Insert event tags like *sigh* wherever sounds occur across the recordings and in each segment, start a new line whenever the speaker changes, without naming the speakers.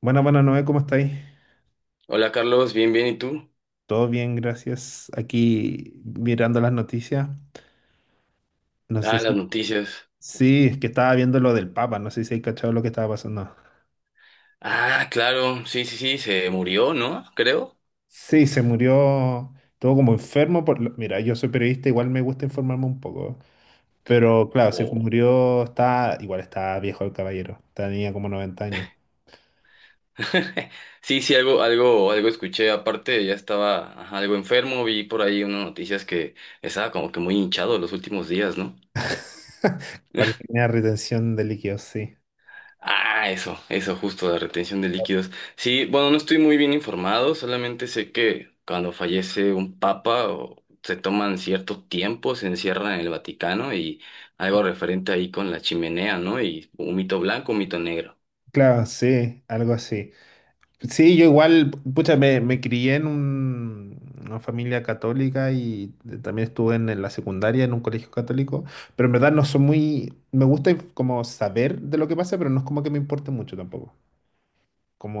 Bueno, bueno, Noé, ¿cómo estáis?
Hola Carlos, bien, bien, ¿y tú?
Todo bien, gracias. Aquí mirando las noticias. No sé
Ah, las
si...
noticias.
Sí, es que estaba viendo lo del Papa, no sé si hay cachado lo que estaba pasando.
Ah, claro, sí, sí, sí, se murió, ¿no? Creo.
Sí, se murió, estuvo como enfermo por... lo- Mira, yo soy periodista, igual me gusta informarme un poco. Pero claro, se
Oh.
murió, está... Igual está viejo el caballero, tenía como 90 años.
*laughs* Sí, sí, algo, algo, algo escuché. Aparte, ya estaba ajá, algo enfermo, vi por ahí unas noticias que estaba como que muy hinchado los últimos días, ¿no?
*laughs* Parece que tenía retención de líquidos, sí.
Ah, eso justo, la retención de líquidos. Sí, bueno, no estoy muy bien informado, solamente sé que cuando fallece un papa o se toman cierto tiempo, se encierran en el Vaticano y algo referente ahí con la chimenea, ¿no? Y un mito blanco, un mito negro.
Claro, sí, algo así. Sí, yo igual, pucha, me crié en un- una familia católica y también estuve en la secundaria en un colegio católico, pero en verdad no soy muy, me gusta inf- como saber de lo que pasa, pero no es como que me importe mucho tampoco.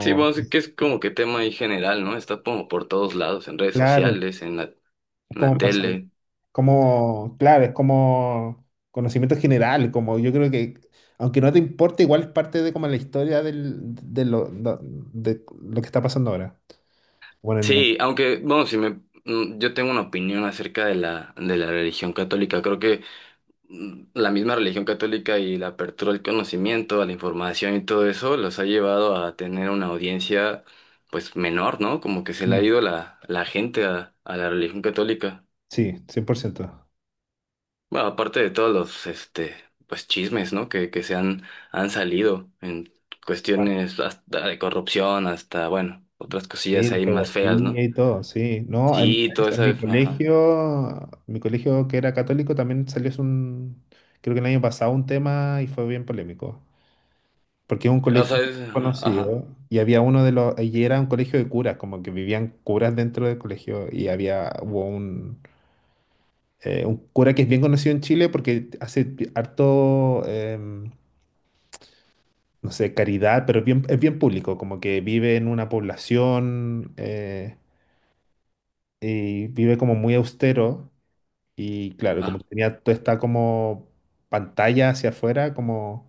Sí, bueno, sé que es como que tema ahí general, ¿no? Está como por todos lados, en redes
claro,
sociales, en la,
es
en la
como pasa,
tele.
como, claro, es como conocimiento general, como yo creo que, aunque no te importe, igual es parte de como la historia del, de, lo que está pasando ahora, bueno, el mundo.
Sí, aunque, bueno, si me, yo tengo una opinión acerca de la religión católica. Creo que la misma religión católica y la apertura al conocimiento, a la información y todo eso los ha llevado a tener una audiencia pues menor, ¿no? Como que se le ha
Mm,
ido la gente a la religión católica.
sí, 100%.
Bueno, aparte de todos los este pues chismes, ¿no? Que se han, han salido en cuestiones hasta de corrupción, hasta, bueno, otras
Sí,
cosillas
de
ahí más feas,
pedofilia
¿no?
y todo, sí. No,
Sí, todo eso, ajá.
en mi colegio que era católico también salió hace un, creo que el año pasado un tema y fue bien polémico, porque es un
O sea,
colegio bien
ajá.
conocido y había uno de los, y era un colegio de curas, como que vivían curas dentro del colegio y había, hubo un cura que es bien conocido en Chile porque hace harto, no sé, caridad, pero bien, es bien público, como que vive en una población. Y vive como muy austero y claro, como
Ajá.
que tenía toda esta como pantalla hacia afuera, como,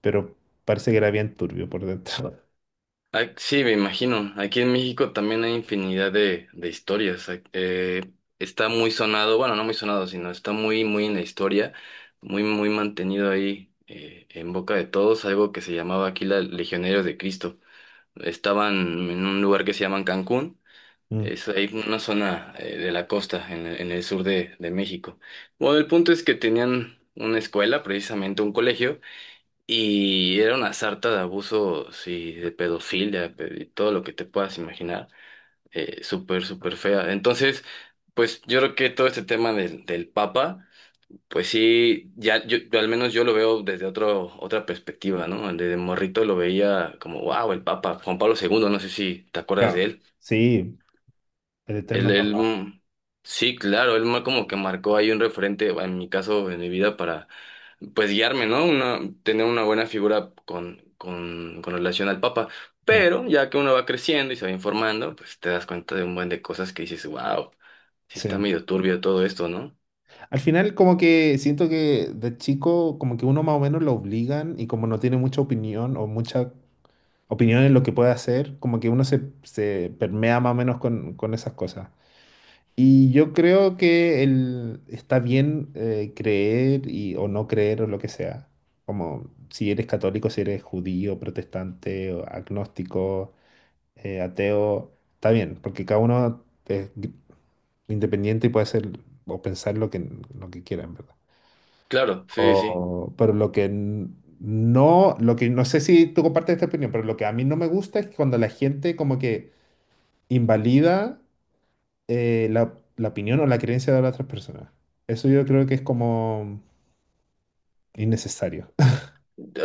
pero parece que era bien turbio por dentro. *laughs*
Ah, sí, me imagino. Aquí en México también hay infinidad de historias. Está muy sonado, bueno, no muy sonado, sino está muy, muy en la historia, muy, muy mantenido ahí en boca de todos, algo que se llamaba aquí la Legionarios de Cristo. Estaban en un lugar que se llaman Cancún,
Mm,
es ahí una zona de la costa, en el sur de México. Bueno, el punto es que tenían una escuela, precisamente un colegio y era una sarta de abusos y de pedofilia y todo lo que te puedas imaginar, súper, súper fea. Entonces, pues yo creo que todo este tema del Papa, pues sí, ya yo al menos yo lo veo desde otro, otra perspectiva, ¿no? Desde morrito lo veía como, wow, el Papa, Juan Pablo segundo, no sé si te acuerdas de
claro,
él.
sí, el
Él,
eterno *laughs*
él,
papá.
mm, sí, claro, como que marcó ahí un referente, en mi caso, en mi vida, para pues guiarme, ¿no? Una, tener una buena figura con relación al Papa.
No,
Pero ya que uno va creciendo y se va informando, pues te das cuenta de un buen de cosas que dices, wow, sí
sí.
está medio turbio todo esto, ¿no?
Al final como que siento que de chico como que uno más o menos lo obligan y como no tiene mucha opinión o mucha opinión en lo que puede hacer, como que uno se, se permea más o menos con esas cosas. Y yo creo que el, está bien creer y, o no creer o lo que sea. Como si eres católico, si eres judío, protestante, o agnóstico, ateo, está bien, porque cada uno es gr- independiente y puede ser o pensar lo que quiera, en verdad.
Claro, sí, sí.
O- pero lo que n- no, lo que no sé si tú compartes esta opinión, pero lo que a mí no me gusta es cuando la gente como que invalida la, opinión o la creencia de las otras personas. Eso yo creo que es como innecesario. *laughs*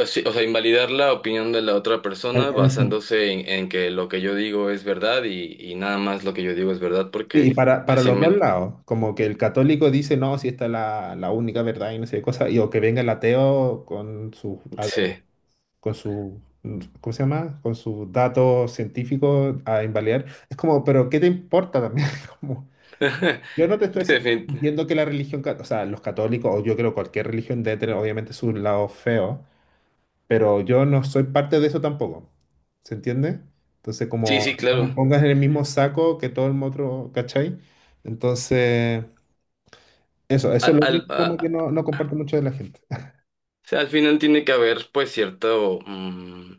O sí, o sea, invalidar la opinión de la otra persona
En el sen-
basándose en que lo que yo digo es verdad y nada más lo que yo digo es verdad
sí, y
porque
para,
así
los dos
me...
lados, como que el católico dice, no, si esta es la, única verdad y no sé qué cosa, y o que venga el ateo con su, a-
Sí.
con su, ¿cómo se llama? Con sus datos científicos a invalidar. Es como, pero ¿qué te importa también? *laughs* Como,
*laughs*
yo no te estoy
Defin-
diciendo que la religión, cat- o sea, los católicos, o yo creo cualquier religión debe tener obviamente su lado feo, pero yo no soy parte de eso tampoco. ¿Se entiende? Entonces,
Sí, sí,
como no me
claro.
pongas en el mismo saco que todo el otro, ¿cachai? Entonces, eso es
A-
lo
Al,
único como que
a-
no, no comparto mucho de la gente. *laughs*
o sea, al final tiene que haber pues cierto, mm,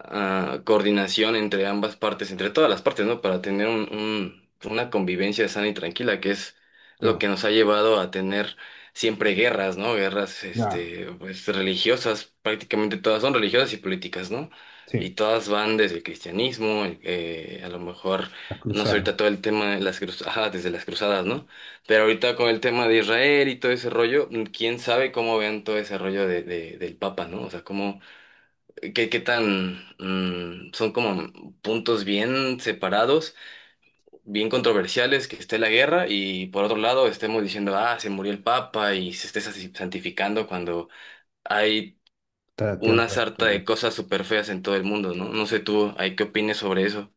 ah, coordinación entre ambas partes, entre todas las partes, ¿no? Para tener una convivencia sana y tranquila, que es lo
Claro,
que nos ha llevado a tener siempre guerras, ¿no? Guerras,
ya,
este, pues religiosas, prácticamente todas son religiosas y políticas, ¿no? Y
sí,
todas van desde el cristianismo, a lo mejor,
las
no sé,
cruzadas,
ahorita todo el tema de las cruzadas, ajá, desde las cruzadas, ¿no? Pero ahorita con el tema de Israel y todo ese rollo, quién sabe cómo vean todo ese rollo de, del Papa, ¿no? O sea, cómo ¿Qué, qué tan son como puntos bien separados, bien controversiales, que esté la guerra y por otro lado estemos diciendo, ah, se murió el Papa y se esté santificando cuando hay
tarateando
una
las
sarta
cruzadas.
de cosas súper feas en todo el mundo, ¿no? No sé tú, ¿hay qué opines sobre eso?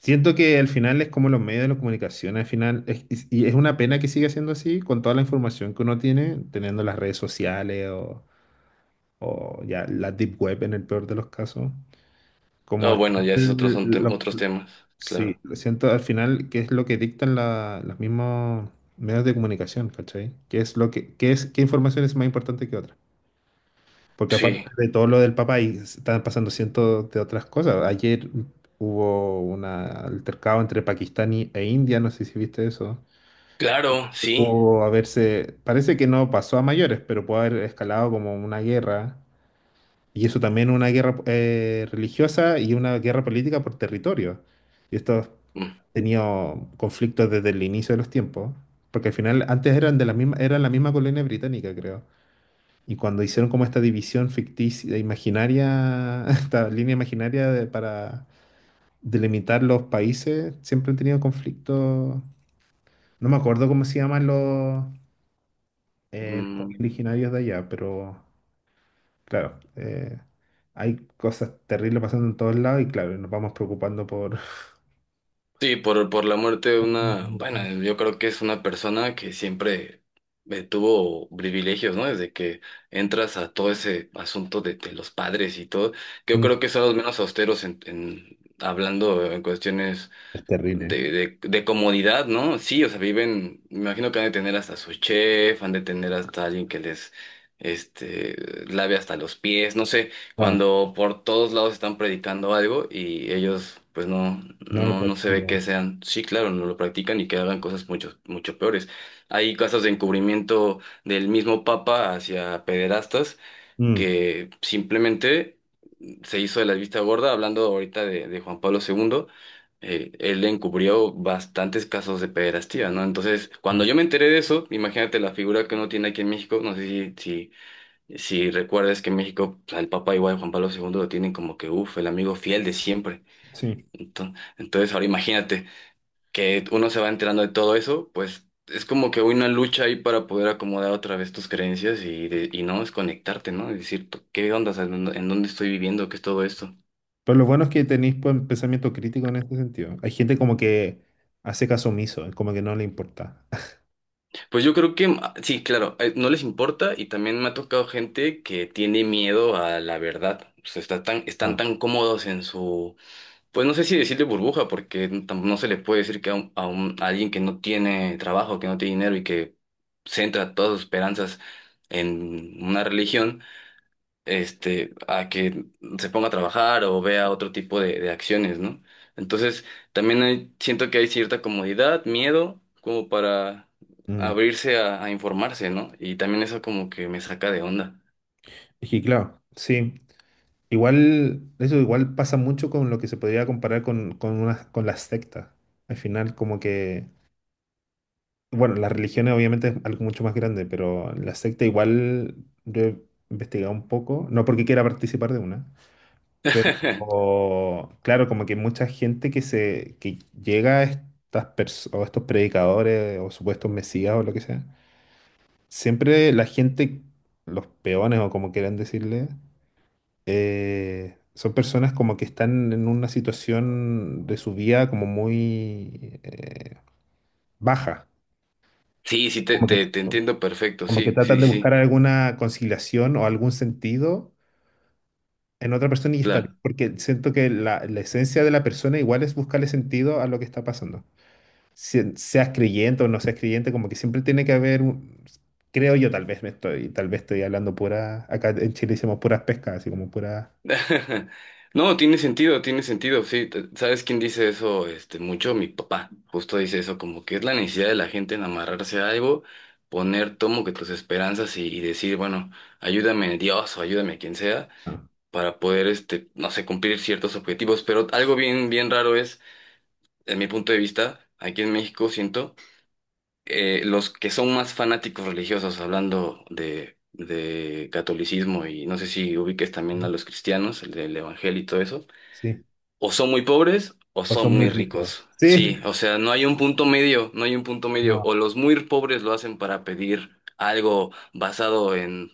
Siento que al final es como los medios de la comunicación, al final, y es una pena que siga siendo así con toda la información que uno tiene, teniendo las redes sociales o ya la deep web en el peor de los casos. Como
No,
al
bueno, ya esos otros
final
son
los
otros temas,
sí,
claro.
lo siento al final, que es lo que dictan la- los mismos medios de comunicación, ¿cachai? ¿Qué es lo que, qué es, qué información es más importante que otra? Porque
Sí,
aparte de todo lo del Papa, ahí están pasando cientos de otras cosas. Ayer hubo un altercado entre Pakistán y- e India, no sé si viste eso.
claro, sí.
Pudo haberse, parece que no pasó a mayores, pero pudo haber escalado como una guerra. Y eso también una guerra religiosa y una guerra política por territorio. Y estos
Mm,
tenido conflictos desde el inicio de los tiempos, porque al final antes eran de la misma, eran la misma colonia británica, creo. Y cuando hicieron como esta división ficticia, e imaginaria, *laughs* esta línea imaginaria de- para delimitar los países, siempre han tenido conflictos. No me acuerdo cómo se llaman los pueblos
mm.
originarios de allá, pero claro, hay cosas terribles pasando en todos lados y claro, nos vamos preocupando por...
Sí, por la muerte de una, bueno,
*laughs*
yo creo que es una persona que siempre tuvo privilegios, ¿no? Desde que entras a todo ese asunto de los padres y todo, que yo
Mm,
creo que son los menos austeros en, hablando en cuestiones
es terrible.
de comodidad, ¿no? Sí, o sea, viven, me imagino que han de tener hasta su chef, han de tener hasta alguien que les, este, lave hasta los pies, no sé,
No,
cuando por todos lados están predicando algo y ellos, pues no,
no lo
no, no se ve
practico.
que sean, sí, claro, no lo practican y que hagan cosas mucho, mucho peores. Hay casos de encubrimiento del mismo papa hacia pederastas
Mm,
que simplemente se hizo de la vista gorda, hablando ahorita de Juan Pablo segundo. Él encubrió bastantes casos de pederastía, ¿no? Entonces, cuando
ah,
yo me enteré de eso, imagínate la figura que uno tiene aquí en México, no sé si recuerdas que en México pues, al Papa igual Juan Pablo II lo tienen como que, uff, el amigo fiel de siempre.
sí.
Entonces, ahora imagínate que uno se va enterando de todo eso, pues es como que una lucha ahí para poder acomodar otra vez tus creencias y, y no desconectarte, ¿no? Es decir, ¿qué onda? O sea, ¿en dónde estoy viviendo? ¿Qué es todo esto?
Pero lo bueno es que tenéis pues, pensamiento crítico en este sentido. Hay gente como que hace caso omiso, como que no le importa. *laughs*
Pues yo creo que sí, claro, no les importa y también me ha tocado gente que tiene miedo a la verdad. O sea, está tan, están
Ah.
tan cómodos en su, pues no sé si decirle burbuja, porque no se les puede decir que a alguien que no tiene trabajo, que no tiene dinero y que centra todas sus esperanzas en una religión este, a que se ponga a trabajar o vea otro tipo de acciones, ¿no? Entonces, también siento que hay cierta comodidad, miedo, como para
Mm.
abrirse a informarse, ¿no? Y también eso como que me saca de onda.
Es que claro, sí. Igual, eso igual pasa mucho con lo que se podría comparar con, una- con las sectas. Al final, como que, bueno, las religiones obviamente es algo mucho más grande, pero la secta igual yo he investigado un poco, no porque quiera participar de una,
*laughs*
pero claro, como que mucha gente que se que llega a estas pers- o estos predicadores o supuestos mesías o lo que sea, siempre la gente, los peones o como quieran decirle, son personas como que están en una situación de su vida como muy baja.
Sí, sí, te,
Como
te,
que,
te entiendo perfecto,
como que
sí,
tratan
sí,
de
sí,
buscar alguna conciliación o algún sentido en otra persona y está bien,
claro.
porque siento que la, esencia de la persona igual es buscarle sentido a lo que está pasando. Si- seas creyente o no seas creyente, como que siempre tiene que haber un- creo yo, tal vez me estoy, tal vez estoy hablando pura, acá en Chile decimos puras pescas, así como puras,
*laughs* No, tiene sentido, sí. ¿Sabes quién dice eso? Este, mucho mi papá. Justo dice eso, como que es la necesidad de la gente en amarrarse a algo, poner tomo que tus esperanzas y decir, bueno, ayúdame Dios o ayúdame quien sea,
ah,
para poder, este, no sé, cumplir ciertos objetivos. Pero algo bien, bien raro es, en mi punto de vista, aquí en México siento, los que son más fanáticos religiosos, hablando de catolicismo y no sé si ubiques también a
¿no?
los cristianos, el del evangelio y todo eso
Sí,
o son muy pobres o
o
son
son muy
muy
ricos,
ricos.
sí,
Sí, o sea, no hay un punto medio, no hay un punto medio.
no,
O los muy pobres lo hacen para pedir algo basado en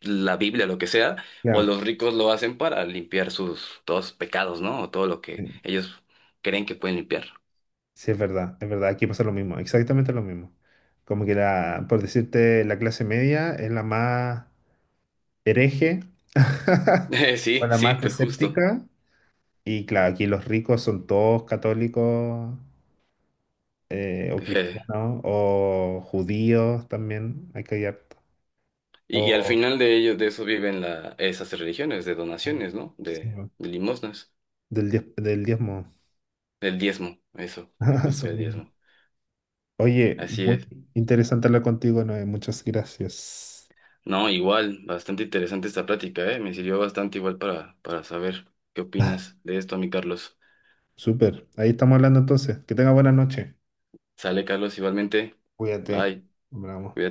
la Biblia, lo que sea, o
ya,
los ricos lo hacen para limpiar sus todos sus pecados, ¿no? O todo lo que
sí,
ellos creen que pueden limpiar. *laughs*
sí, es verdad, aquí pasa lo mismo, exactamente lo mismo. Como que la, por decirte, la clase media es la más hereje *laughs* o
Sí,
la
sí,
más
pues justo.
escéptica. Y claro, aquí los ricos son todos católicos o
Eh,
cristianos o judíos también, hay que hallar.
y al
O
final de ellos, de eso viven la, esas religiones, de donaciones, ¿no?
sí, bueno,
De limosnas,
del diez- del diezmo.
del diezmo, eso, de
*laughs* Eso
justo el
mismo.
diezmo.
Oye,
Así
muy
es.
interesante hablar contigo, Noé. Muchas gracias.
No, igual, bastante interesante esta plática, ¿eh? Me sirvió bastante igual para saber qué opinas de esto, mi Carlos.
Súper. Ahí estamos hablando entonces. Que tenga buena noche.
Sale, Carlos, igualmente.
Cuídate.
Bye,
Bravo.
cuídate.